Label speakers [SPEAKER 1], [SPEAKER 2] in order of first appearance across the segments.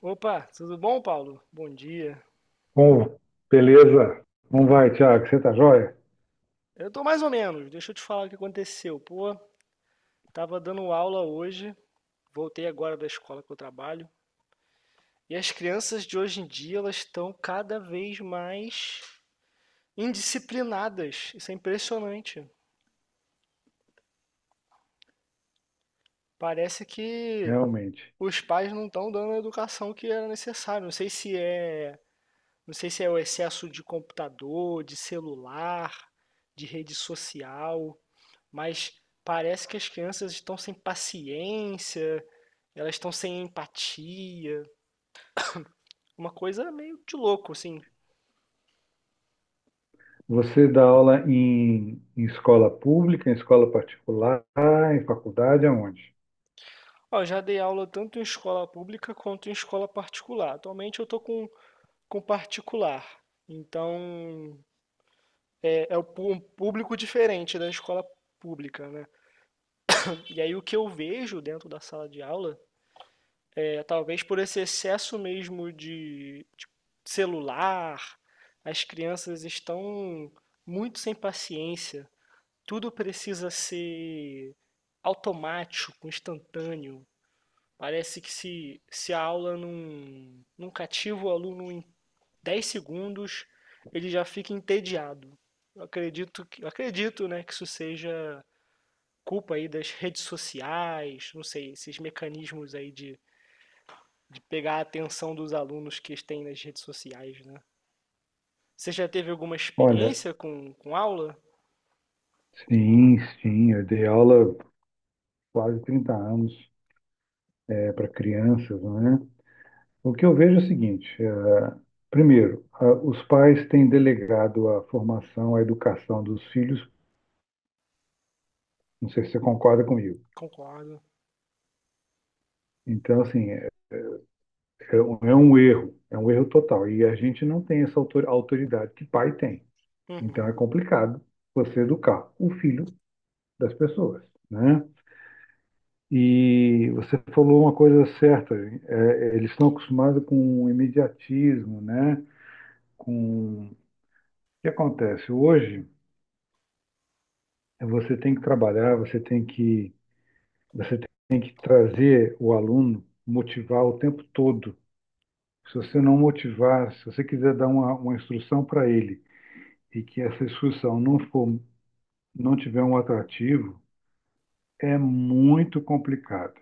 [SPEAKER 1] Opa, tudo bom, Paulo? Bom dia.
[SPEAKER 2] Como? Beleza? Como vai, Tiago? Você tá jóia?
[SPEAKER 1] Eu tô mais ou menos, deixa eu te falar o que aconteceu. Pô, tava dando aula hoje, voltei agora da escola que eu trabalho, e as crianças de hoje em dia, elas estão cada vez mais indisciplinadas. Isso é impressionante. Parece que
[SPEAKER 2] Realmente.
[SPEAKER 1] os pais não estão dando a educação que era necessária. Não sei se é o excesso de computador, de celular, de rede social. Mas parece que as crianças estão sem paciência, elas estão sem empatia, uma coisa meio de louco, assim.
[SPEAKER 2] Você dá aula em escola pública, em escola particular, em faculdade, aonde?
[SPEAKER 1] Ó, eu já dei aula tanto em escola pública quanto em escola particular. Atualmente eu tô com particular, então é, é o um público diferente da escola pública, né? E aí o que eu vejo dentro da sala de aula é talvez por esse excesso mesmo de celular, as crianças estão muito sem paciência. Tudo precisa ser automático, instantâneo. Parece que se a aula não cativa o aluno em 10 segundos, ele já fica entediado. Eu acredito que, eu acredito, né, que isso seja culpa aí das redes sociais, não sei, esses mecanismos aí de pegar a atenção dos alunos que têm nas redes sociais, né? Você já teve alguma
[SPEAKER 2] Olha,
[SPEAKER 1] experiência com aula?
[SPEAKER 2] sim, sim, eu dei aula quase 30 anos para crianças, né? O que eu vejo é o seguinte, primeiro, os pais têm delegado a formação, a educação dos filhos, não sei se você concorda comigo.
[SPEAKER 1] Concordo.
[SPEAKER 2] Então, assim, é um erro, é um erro total. E a gente não tem essa autoridade que pai tem. Então
[SPEAKER 1] Uhum,
[SPEAKER 2] é complicado você educar o filho das pessoas, né? E você falou uma coisa certa, é, eles estão acostumados com o imediatismo, né? Com o que acontece hoje, é você tem que trabalhar, você tem que trazer o aluno, motivar o tempo todo. Se você não motivar, se você quiser dar uma instrução para ele e que essa discussão não for, não tiver um atrativo, é muito complicado.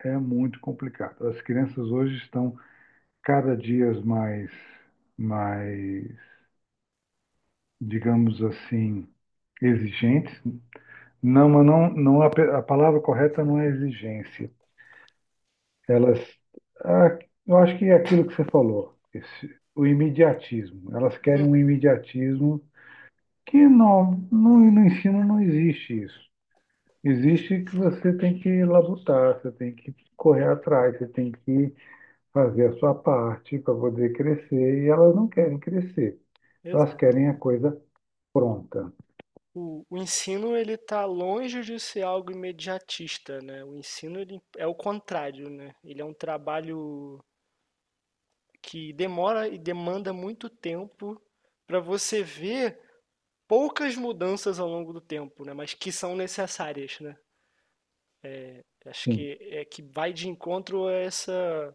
[SPEAKER 2] É muito complicado. As crianças hoje estão cada dia mais, digamos assim, exigentes. Não, mas não, a palavra correta não é exigência. Elas, ah, eu acho que é aquilo que você falou, esse, o imediatismo. Elas querem um
[SPEAKER 1] uhum,
[SPEAKER 2] imediatismo que no ensino não existe isso. Existe que você tem que labutar, você tem que correr atrás, você tem que fazer a sua parte para poder crescer, e elas não querem crescer, elas
[SPEAKER 1] exato.
[SPEAKER 2] querem a coisa pronta.
[SPEAKER 1] O ensino ele está longe de ser algo imediatista, né? O ensino ele é o contrário, né? Ele é um trabalho que demora e demanda muito tempo para você ver poucas mudanças ao longo do tempo, né? Mas que são necessárias, né? Acho
[SPEAKER 2] Sim,
[SPEAKER 1] que é que vai de encontro a essa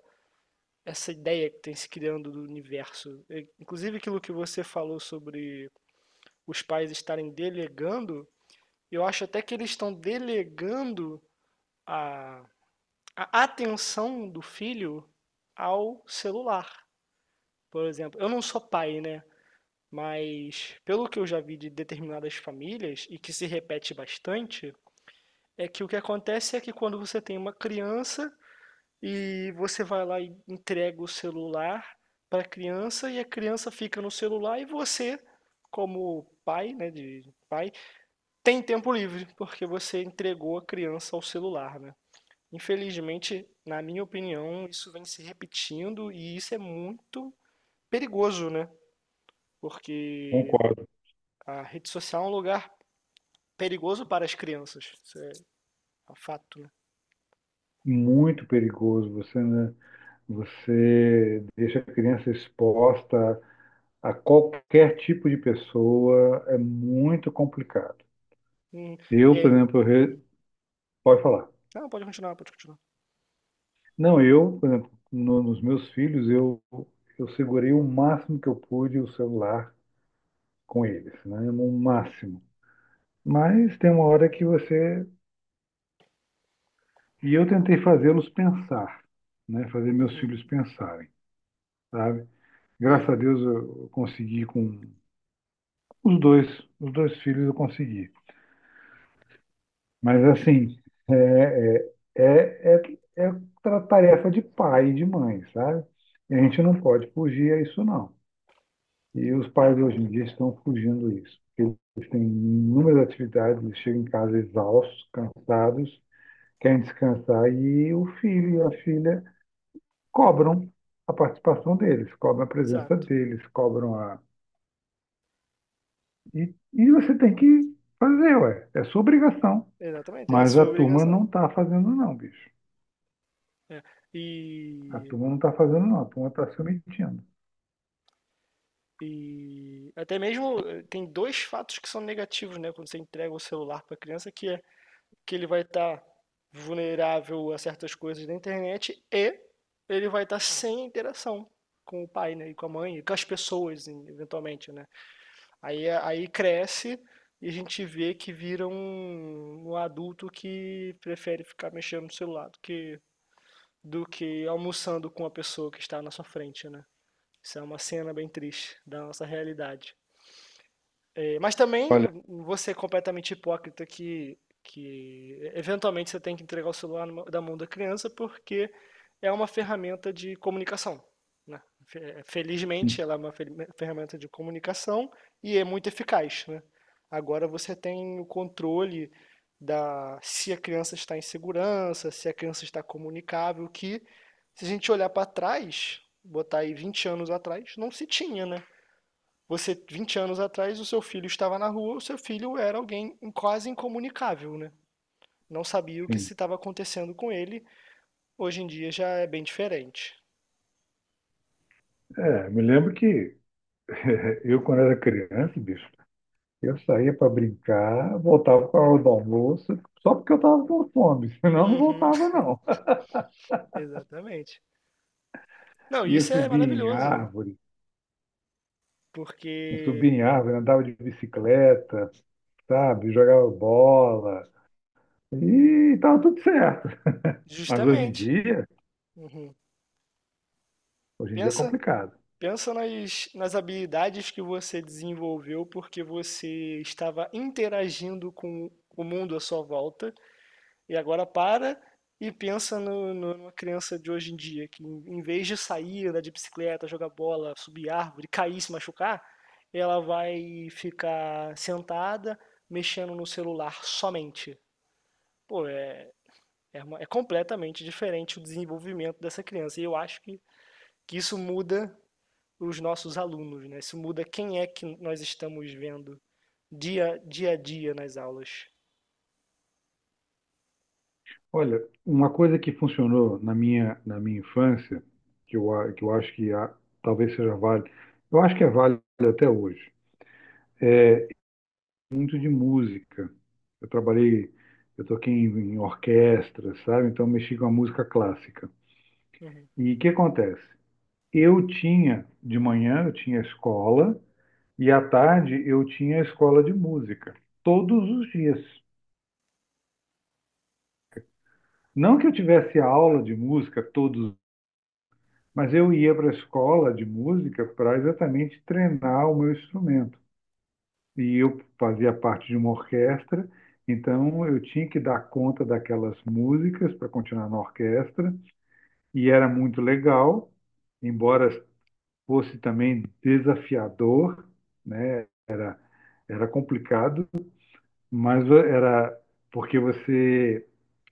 [SPEAKER 1] essa ideia que tem se criando do universo. É, inclusive aquilo que você falou sobre os pais estarem delegando, eu acho até que eles estão delegando a a atenção do filho ao celular, por exemplo. Eu não sou pai, né? Mas pelo que eu já vi de determinadas famílias e que se repete bastante, é que o que acontece é que quando você tem uma criança e você vai lá e entrega o celular para a criança e a criança fica no celular e você, como pai, né, de pai, tem tempo livre porque você entregou a criança ao celular, né? Infelizmente, na minha opinião, isso vem se repetindo e isso é muito perigoso, né? Porque
[SPEAKER 2] concordo.
[SPEAKER 1] a rede social é um lugar perigoso para as crianças. Isso é um fato, né?
[SPEAKER 2] Muito perigoso, você, né, você deixa a criança exposta a qualquer tipo de pessoa, é muito complicado.
[SPEAKER 1] Hum,
[SPEAKER 2] Eu,
[SPEAKER 1] e
[SPEAKER 2] por
[SPEAKER 1] aí?
[SPEAKER 2] exemplo, pode falar.
[SPEAKER 1] Não, pode continuar, pode continuar.
[SPEAKER 2] Não, eu, por exemplo, nos meus filhos, eu segurei o máximo que eu pude o celular com eles, né? No máximo. Mas tem uma hora que você. E eu tentei fazê-los pensar, né? Fazer meus
[SPEAKER 1] Uhum,
[SPEAKER 2] filhos pensarem, sabe? Graças a
[SPEAKER 1] uhum,
[SPEAKER 2] Deus eu consegui com os dois, os dois filhos eu consegui. Mas assim, é, é, é tarefa de pai e de mãe, sabe? E a gente não pode fugir a isso, não. E os pais hoje em dia estão fugindo disso. Eles têm inúmeras atividades, eles chegam em casa exaustos, cansados, querem descansar e o filho e a filha cobram a participação deles, cobram a presença
[SPEAKER 1] exato.
[SPEAKER 2] deles, cobram a. E você tem que fazer, ué, é sua obrigação.
[SPEAKER 1] Exatamente, é a
[SPEAKER 2] Mas a
[SPEAKER 1] sua
[SPEAKER 2] turma não
[SPEAKER 1] obrigação.
[SPEAKER 2] está fazendo, não, bicho.
[SPEAKER 1] É.
[SPEAKER 2] A
[SPEAKER 1] E,
[SPEAKER 2] turma não está fazendo, não, a turma está se omitindo.
[SPEAKER 1] e até mesmo tem dois fatos que são negativos, né? Quando você entrega o celular para a criança, que é que ele vai estar vulnerável a certas coisas da internet e ele vai estar sem interação com o pai, né, e com a mãe, e com as pessoas, eventualmente, né? Aí cresce e a gente vê que vira um adulto que prefere ficar mexendo no celular do que almoçando com a pessoa que está na sua frente, né? Isso é uma cena bem triste da nossa realidade. E- mas também
[SPEAKER 2] Olha,
[SPEAKER 1] você é completamente hipócrita que eventualmente você tem que entregar o celular numa- da mão da criança porque é uma ferramenta de comunicação, né? Felizmente ela é uma ferramenta de comunicação e é muito eficaz, né? Agora você tem o controle da se a criança está em segurança, se a criança está comunicável, que se a gente olhar para trás, botar aí 20 anos atrás, não se tinha, né? Você, 20 anos atrás, o seu filho estava na rua, o seu filho era alguém quase incomunicável, né? Não sabia o que
[SPEAKER 2] enfim.
[SPEAKER 1] se estava acontecendo com ele. Hoje em dia já é bem diferente.
[SPEAKER 2] É, me lembro que eu, quando era criança, bicho, eu saía para brincar, voltava com a hora do almoço, só porque eu estava com fome, senão eu não
[SPEAKER 1] Uhum,
[SPEAKER 2] voltava, não.
[SPEAKER 1] exatamente. Não,
[SPEAKER 2] Ia
[SPEAKER 1] isso é
[SPEAKER 2] subir em
[SPEAKER 1] maravilhoso,
[SPEAKER 2] árvore, eu subia
[SPEAKER 1] porque
[SPEAKER 2] em árvore, andava de bicicleta, sabe? Jogava bola, e estava tudo certo. Mas
[SPEAKER 1] justamente, uhum,
[SPEAKER 2] hoje em dia é
[SPEAKER 1] pensa,
[SPEAKER 2] complicado.
[SPEAKER 1] pensa nas, nas habilidades que você desenvolveu porque você estava interagindo com o mundo à sua volta. E agora para e pensa numa criança de hoje em dia, que em vez de sair, andar de bicicleta, jogar bola, subir árvore, cair, se machucar, ela vai ficar sentada, mexendo no celular somente. Pô, é, é, uma- é completamente diferente o desenvolvimento dessa criança. E eu acho que isso muda os nossos alunos, né? Isso muda quem é que nós estamos vendo dia a dia nas aulas.
[SPEAKER 2] Olha, uma coisa que funcionou na minha infância, que eu acho talvez seja válido, eu acho que é válido até hoje, muito de música. Eu trabalhei, eu toquei em orquestra, sabe? Então eu mexi com a música clássica.
[SPEAKER 1] Uhum,
[SPEAKER 2] E o que acontece? Eu tinha, de manhã eu tinha escola e à tarde eu tinha escola de música, todos os dias. Não que eu tivesse aula de música todos, mas eu ia para a escola de música para exatamente treinar o meu instrumento. E eu fazia parte de uma orquestra, então eu tinha que dar conta daquelas músicas para continuar na orquestra, e era muito legal, embora fosse também desafiador, né? Era complicado, mas era porque você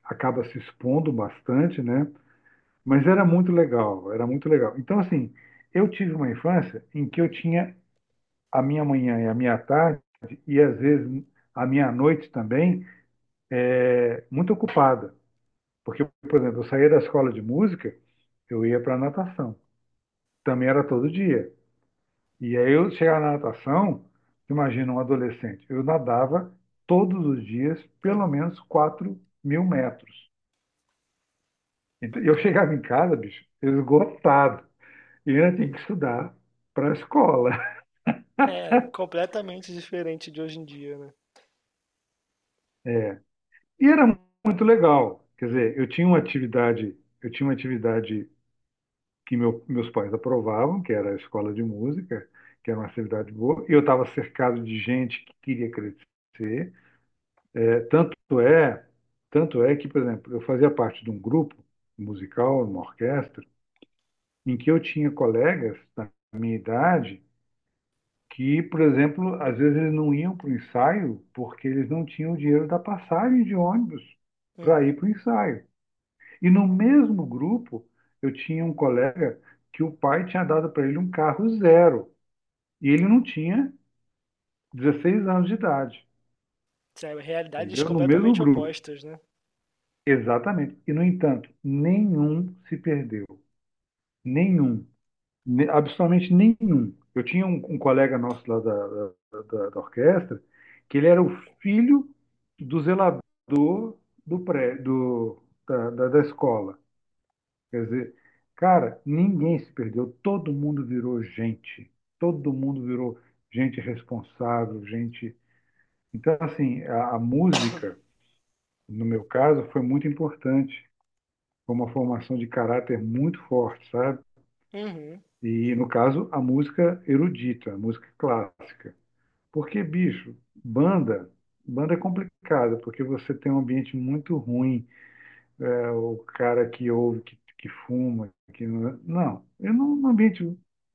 [SPEAKER 2] acaba se expondo bastante, né? Mas era muito legal, era muito legal. Então, assim, eu tive uma infância em que eu tinha a minha manhã e a minha tarde, e às vezes a minha noite também, é muito ocupada. Porque, por exemplo, eu saía da escola de música, eu ia para a natação. Também era todo dia. E aí eu chegava na natação, imagina um adolescente, eu nadava todos os dias pelo
[SPEAKER 1] uhum,
[SPEAKER 2] menos 4 mil metros. Então, eu chegava
[SPEAKER 1] bacana.
[SPEAKER 2] em casa, bicho, esgotado. E eu ainda tinha que
[SPEAKER 1] Uhum.
[SPEAKER 2] estudar para a escola.
[SPEAKER 1] É, completamente diferente de hoje em dia, né.
[SPEAKER 2] E era muito legal. Quer dizer, eu tinha uma atividade, eu tinha uma atividade que meus pais aprovavam, que era a escola de música, que era uma atividade boa. Eu estava cercado de gente que queria crescer. É, tanto é, tanto é que, por exemplo, eu fazia parte de um grupo musical, uma orquestra, em que eu tinha colegas da minha idade que, por exemplo, às vezes eles não iam para o ensaio porque eles não tinham o dinheiro da passagem de ônibus para
[SPEAKER 1] Uhum,
[SPEAKER 2] ir para o ensaio. E no mesmo grupo, eu tinha um colega que o pai tinha dado para ele um carro zero. E ele
[SPEAKER 1] hum.
[SPEAKER 2] não tinha 16 anos de idade,
[SPEAKER 1] Sabe, realidades
[SPEAKER 2] entendeu? No mesmo
[SPEAKER 1] completamente
[SPEAKER 2] grupo.
[SPEAKER 1] opostas, né.
[SPEAKER 2] Exatamente. E, no entanto, nenhum se perdeu. Nenhum. Absolutamente nenhum. Eu tinha um colega nosso lá da orquestra, que ele era o filho do zelador do pré, do, da, da, da escola. Quer dizer, cara, ninguém se perdeu. Todo mundo virou gente. Todo mundo virou gente responsável, gente. Então, assim, a música, no meu caso, foi muito importante, foi uma formação de caráter muito forte, sabe?
[SPEAKER 1] Uhum,
[SPEAKER 2] E, no caso, a música erudita, a música clássica. Porque, bicho, banda, banda é complicada, porque você tem um ambiente muito ruim, é, o cara que ouve, que fuma, que não, não, eu não, no ambiente,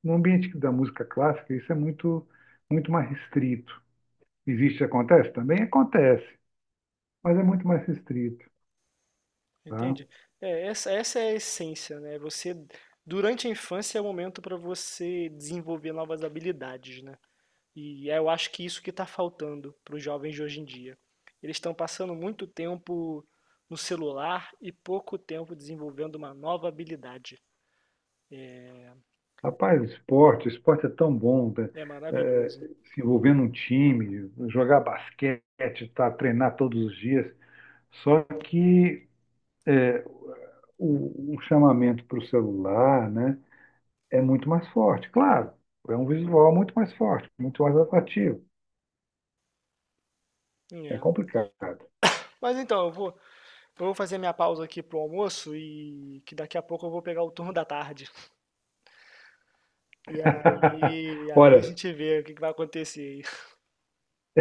[SPEAKER 2] no ambiente da música clássica, isso é muito, muito mais restrito. Existe, acontece? Também acontece, mas é muito mais restrito, tá?
[SPEAKER 1] entendi. É, essa é a essência, né, você durante a infância é o momento para você desenvolver novas habilidades, né. E é, eu acho que isso que está faltando para os jovens de hoje em dia. Eles estão passando muito tempo no celular e pouco tempo desenvolvendo uma nova habilidade.
[SPEAKER 2] Rapaz, esporte, esporte é tão bom, tá?
[SPEAKER 1] É
[SPEAKER 2] É,
[SPEAKER 1] maravilhoso.
[SPEAKER 2] se envolver num time, jogar basquete, tá, treinar todos os dias. Só que é, o chamamento para o celular, né, é muito mais forte. Claro, é um visual muito mais forte, muito mais atrativo. É
[SPEAKER 1] É.
[SPEAKER 2] complicado.
[SPEAKER 1] Mas então, eu vou fazer minha pausa aqui pro almoço e que daqui a pouco eu vou pegar o turno da tarde. E aí, aí a
[SPEAKER 2] Olha,
[SPEAKER 1] gente vê o que que vai acontecer.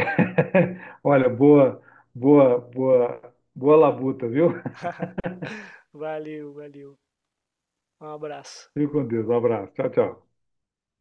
[SPEAKER 2] olha, boa, boa, boa, boa labuta, viu?
[SPEAKER 1] Valeu, valeu. Um abraço.
[SPEAKER 2] Fique com Deus. Um abraço. Tchau, tchau.